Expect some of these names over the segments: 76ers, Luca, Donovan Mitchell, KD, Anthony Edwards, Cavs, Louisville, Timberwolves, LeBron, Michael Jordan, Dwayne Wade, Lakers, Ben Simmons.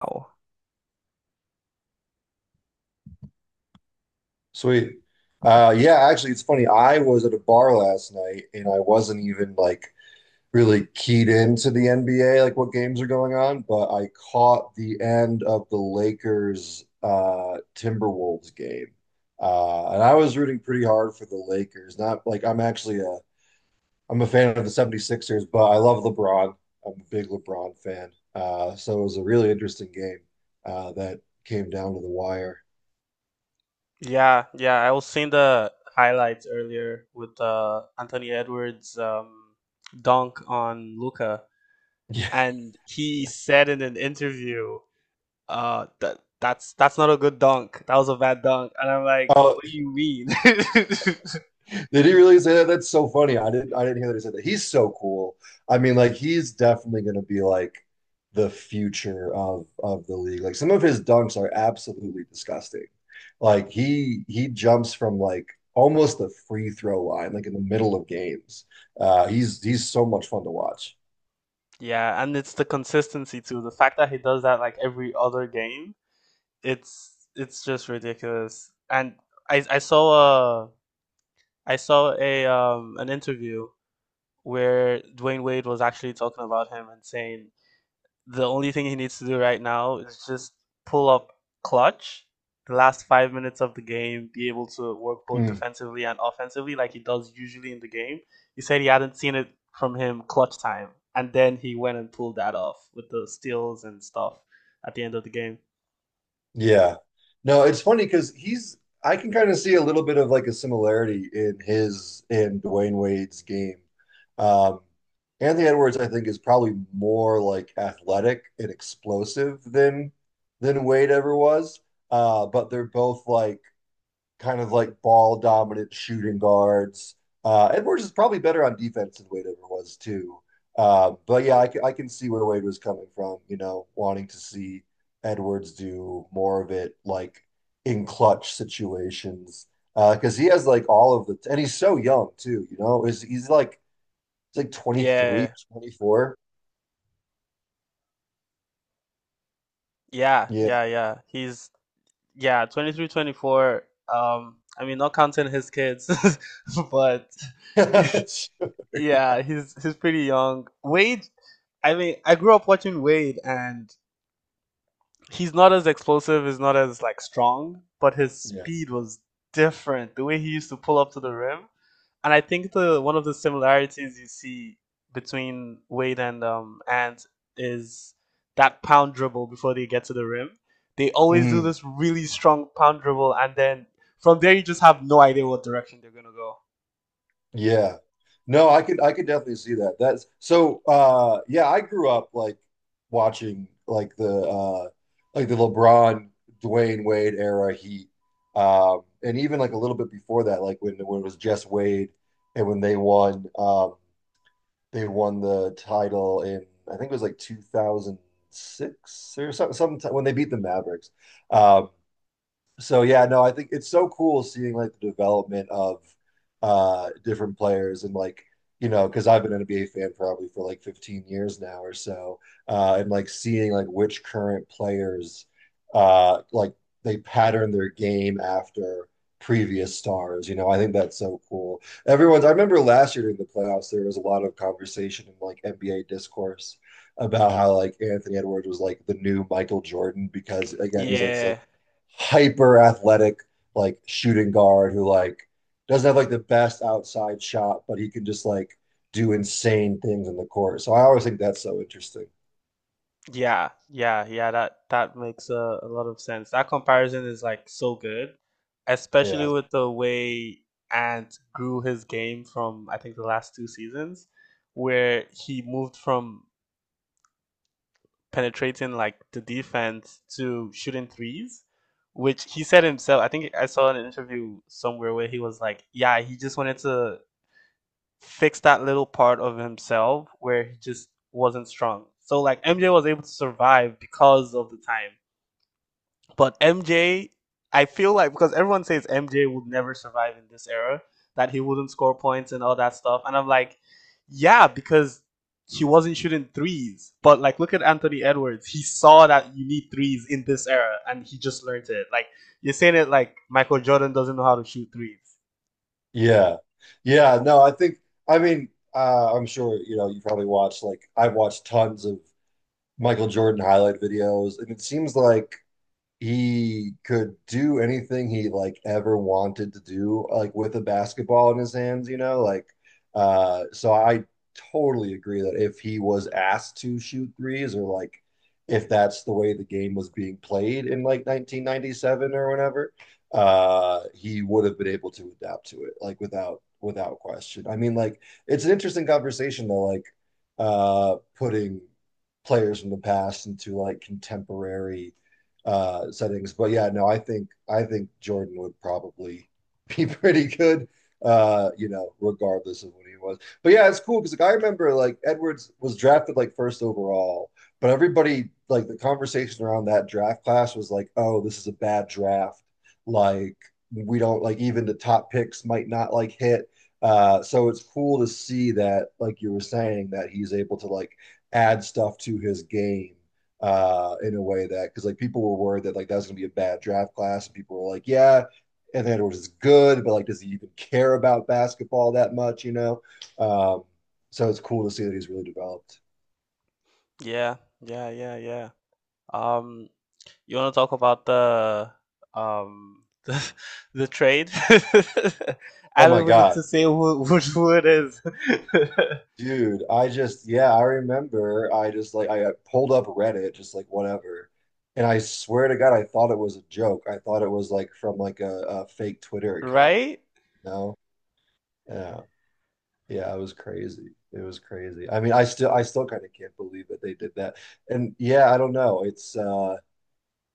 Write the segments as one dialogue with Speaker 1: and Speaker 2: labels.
Speaker 1: Wow.
Speaker 2: Sweet. Yeah, actually, it's funny. I was at a bar last night and I wasn't even like really keyed into the NBA, like what games are going on, but I caught the end of the Lakers Timberwolves game. And I was rooting pretty hard for the Lakers. Not like I'm actually a I'm a fan of the 76ers, but I love LeBron. I'm a big LeBron fan. So it was a really interesting game that came down to the wire.
Speaker 1: Yeah, yeah, I was seeing the highlights earlier with Anthony Edwards' dunk on Luca,
Speaker 2: Yeah.
Speaker 1: and he said in an interview, that that's not a good dunk. That was a bad dunk, and I'm like,
Speaker 2: Oh,
Speaker 1: what do you mean?
Speaker 2: did he really say that? That's so funny. I didn't hear that he said that. He's so cool. I mean, like he's definitely gonna be like the future of the league. Like some of his dunks are absolutely disgusting. Like he jumps from like almost the free throw line, like in the middle of games. He's so much fun to watch.
Speaker 1: Yeah, and it's the consistency too. The fact that he does that like every other game, it's just ridiculous. And I I saw a I saw a an interview where Dwayne Wade was actually talking about him and saying the only thing he needs to do right now is just pull up clutch the last 5 minutes of the game, be able to work both
Speaker 2: Mm.
Speaker 1: defensively and offensively like he does usually in the game. He said he hadn't seen it from him clutch time. And then he went and pulled that off with the steals and stuff at the end of the game.
Speaker 2: Yeah. No, it's funny because he's, I can kind of see a little bit of like a similarity in his, in Dwayne Wade's game. Um, Anthony Edwards, I think, is probably more like athletic and explosive than Wade ever was. But they're both like kind of like ball dominant shooting guards. Edwards is probably better on defense than Wade ever was too. But yeah, I can see where Wade was coming from, wanting to see Edwards do more of it like in clutch situations. Because he has like all of the, and he's so young too, you know, is he's like 23 or
Speaker 1: Yeah,
Speaker 2: 24.
Speaker 1: yeah,
Speaker 2: Yeah.
Speaker 1: yeah, yeah. He's, yeah, 23, 24. I mean, not counting his kids, but
Speaker 2: Sure.
Speaker 1: yeah, he's pretty young. Wade, I mean, I grew up watching Wade, and he's not as explosive, he's not as like strong, but his
Speaker 2: Yeah.
Speaker 1: speed was different. The way he used to pull up to the rim, and I think the one of the similarities you see between Wade and is that pound dribble before they get to the rim. They always do
Speaker 2: Mm.
Speaker 1: this really strong pound dribble, and then from there you just have no idea what direction they're gonna go.
Speaker 2: Yeah. No, I could definitely see that. That's so yeah, I grew up like watching like the LeBron Dwayne Wade era Heat. And even like a little bit before that, like when it was just Wade, and when they won the title in I think it was like 2006 or something sometime when they beat the Mavericks. Um so yeah, no, I think it's so cool seeing like the development of different players, and like, you know, because I've been an NBA fan probably for like 15 years now or so, and like seeing like which current players like they pattern their game after previous stars, you know, I think that's so cool. Everyone's, I remember last year during the playoffs there was a lot of conversation in like NBA discourse about how like Anthony Edwards was like the new Michael Jordan, because again he's like this like
Speaker 1: Yeah,
Speaker 2: hyper athletic like shooting guard who like doesn't have like the best outside shot, but he can just like do insane things in the court. So I always think that's so interesting.
Speaker 1: yeah, that makes a lot of sense. That comparison is like so good, especially
Speaker 2: Yeah.
Speaker 1: with the way Ant grew his game from I think the last two seasons, where he moved from penetrating like the defense to shooting threes, which he said himself. I think I saw an interview somewhere where he was like, yeah, he just wanted to fix that little part of himself where he just wasn't strong. So like MJ was able to survive because of the time. But MJ, I feel like because everyone says MJ would never survive in this era, that he wouldn't score points and all that stuff. And I'm like, yeah, because he wasn't shooting threes. But like, look at Anthony Edwards. He saw that you need threes in this era, and he just learned it. Like you're saying it like Michael Jordan doesn't know how to shoot threes.
Speaker 2: Yeah. Yeah. No, I think, I mean, I'm sure you know you probably watched, like I've watched tons of Michael Jordan highlight videos, and it seems like he could do anything he like ever wanted to do, like with a basketball in his hands, you know, like, so I totally agree that if he was asked to shoot threes, or like if that's the way the game was being played in like 1997 or whenever, he would have been able to adapt to it like without question. I mean like it's an interesting conversation though, like, putting players from the past into like contemporary settings. But yeah, no, I think Jordan would probably be pretty good, you know, regardless of what he was. But yeah, it's cool because like I remember like Edwards was drafted like first overall, but everybody, like the conversation around that draft class was like, oh, this is a bad draft. Like we don't like, even the top picks might not like hit. So it's cool to see that, like you were saying, that he's able to like add stuff to his game in a way that, because like people were worried that like that was gonna be a bad draft class, and people were like, yeah, Anthony Edwards is good, but like, does he even care about basketball that much? You know, um, so it's cool to see that he's really developed.
Speaker 1: Yeah, yeah. Um, You want to talk about the um the, the trade?
Speaker 2: Oh
Speaker 1: I
Speaker 2: my
Speaker 1: don't even need
Speaker 2: god,
Speaker 1: to say who, which who it is,
Speaker 2: dude! I just, yeah, I remember. I just like, I pulled up Reddit, just like whatever, and I swear to God, I thought it was a joke. I thought it was like from like a fake Twitter account.
Speaker 1: right?
Speaker 2: No, yeah. Yeah, it was crazy. It was crazy. I mean, I still kind of can't believe that they did that. And yeah, I don't know. It's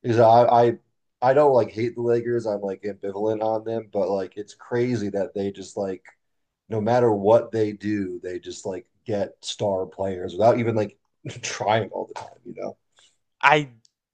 Speaker 2: is I don't like hate the Lakers. I'm like ambivalent on them, but like it's crazy that they just like, no matter what they do, they just like get star players without even like trying all the time, you know?
Speaker 1: I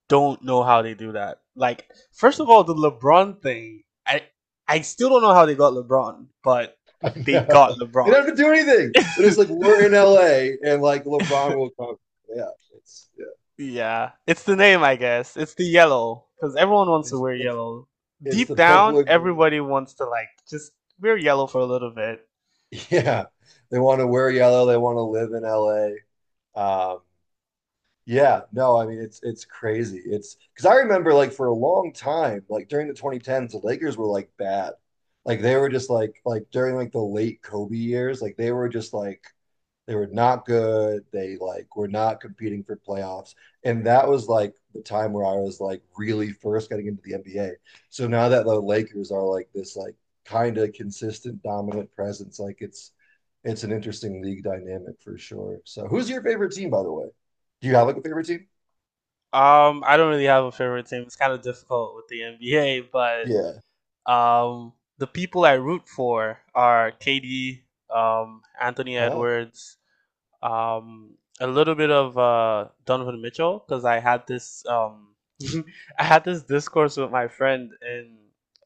Speaker 1: don't know how they do that. Like, first
Speaker 2: Yeah.
Speaker 1: of all, the LeBron thing. I still don't know how they got LeBron, but
Speaker 2: I
Speaker 1: they
Speaker 2: know.
Speaker 1: got
Speaker 2: They
Speaker 1: LeBron.
Speaker 2: don't have to do anything. They're just like, we're in LA and like LeBron will come. Yeah, it's yeah.
Speaker 1: Yeah, it's the name, I guess. It's the yellow because everyone wants to
Speaker 2: It's
Speaker 1: wear
Speaker 2: it's
Speaker 1: yellow.
Speaker 2: it's
Speaker 1: Deep
Speaker 2: the purple
Speaker 1: down,
Speaker 2: and gold.
Speaker 1: everybody wants to like just wear yellow for a little bit.
Speaker 2: Yeah, they want to wear yellow. They want to live in LA. Um, yeah, no, I mean it's crazy. It's because I remember like for a long time, like during the 2010s, the Lakers were like bad. Like they were just like during like the late Kobe years, like they were just like they were not good. They like were not competing for playoffs. And that was like the time where I was like really first getting into the NBA. So now that the Lakers are like this like kind of consistent dominant presence, like it's an interesting league dynamic for sure. So who's your favorite team, by the way? Do you have like a favorite team?
Speaker 1: I don't really have a favorite team. It's kind of difficult with the NBA, but
Speaker 2: Yeah.
Speaker 1: um, the people I root for are KD, Anthony
Speaker 2: Oh.
Speaker 1: Edwards, um, a little bit of Donovan Mitchell because I had this I had this discourse with my friend, and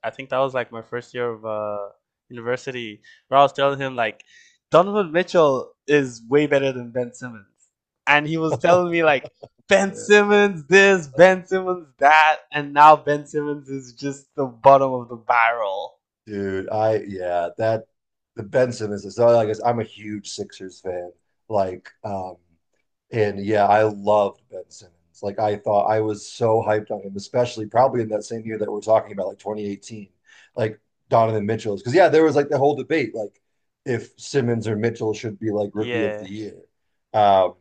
Speaker 1: I think that was like my first year of university, where I was telling him like Donovan Mitchell is way better than Ben Simmons, and he was telling me like Ben
Speaker 2: Yeah.
Speaker 1: Simmons this,
Speaker 2: Uh,
Speaker 1: Ben Simmons that, and now Ben Simmons is just the bottom of the barrel.
Speaker 2: Dude, I, yeah, that the Benson is so like, I'm a huge Sixers fan. Like, and yeah, I loved Ben Simmons. Like I thought, I was so hyped on him, especially probably in that same year that we're talking about, like 2018, like Donovan Mitchell's. Because yeah, there was like the whole debate, like if Simmons or Mitchell should be like rookie of
Speaker 1: Yeah.
Speaker 2: the year. Um,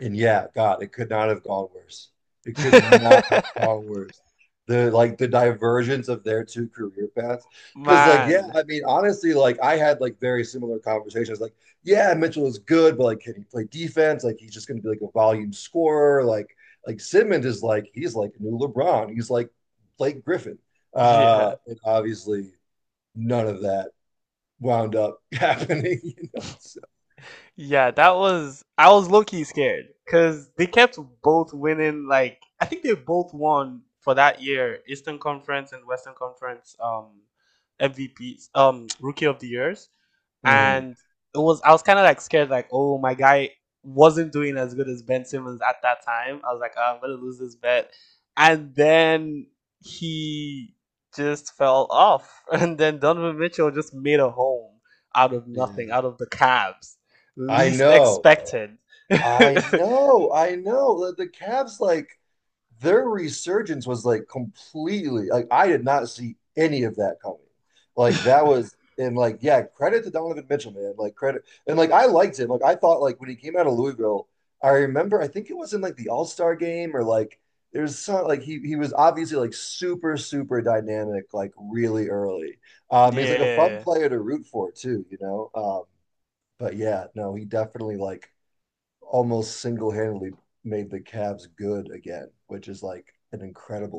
Speaker 2: and yeah, God, it could not have gone worse. It could not have gone worse. The, like the divergence of their two career paths. Cause like, yeah,
Speaker 1: Man.
Speaker 2: I mean, honestly, like I had like very similar conversations. Like, yeah, Mitchell is good, but like, can he play defense? Like he's just gonna be like a volume scorer. Like Simmons is like, he's like a new LeBron. He's like Blake Griffin.
Speaker 1: Yeah.
Speaker 2: And obviously none of that wound up happening, you know. So
Speaker 1: Yeah, that
Speaker 2: yeah.
Speaker 1: was, I was low key scared because they kept both winning. Like I think they both won for that year, Eastern Conference and Western Conference MVPs, Rookie of the Years,
Speaker 2: Mm-hmm.
Speaker 1: and it was, I was kind of like scared, like oh my guy wasn't doing as good as Ben Simmons at that time. I was like, "Ah, I'm gonna lose this bet," and then he just fell off, and then Donovan Mitchell just made a home out of nothing,
Speaker 2: Yeah.
Speaker 1: out of the Cavs.
Speaker 2: I
Speaker 1: Least
Speaker 2: know.
Speaker 1: expected.
Speaker 2: I know. The Cavs, like, their resurgence was like completely, like, I did not see any of that coming. Like, that was, and like, yeah, credit to Donovan Mitchell, man. Like, credit. And like, I liked him. Like, I thought, like, when he came out of Louisville, I remember, I think it was in like the All-Star game or like, there's some, like, he was obviously like super, super dynamic, like, really early. He's like a fun
Speaker 1: Yeah.
Speaker 2: player to root for, too, you know? But yeah, no, he definitely, like, almost single handedly made the Cavs good again, which is like an incredible.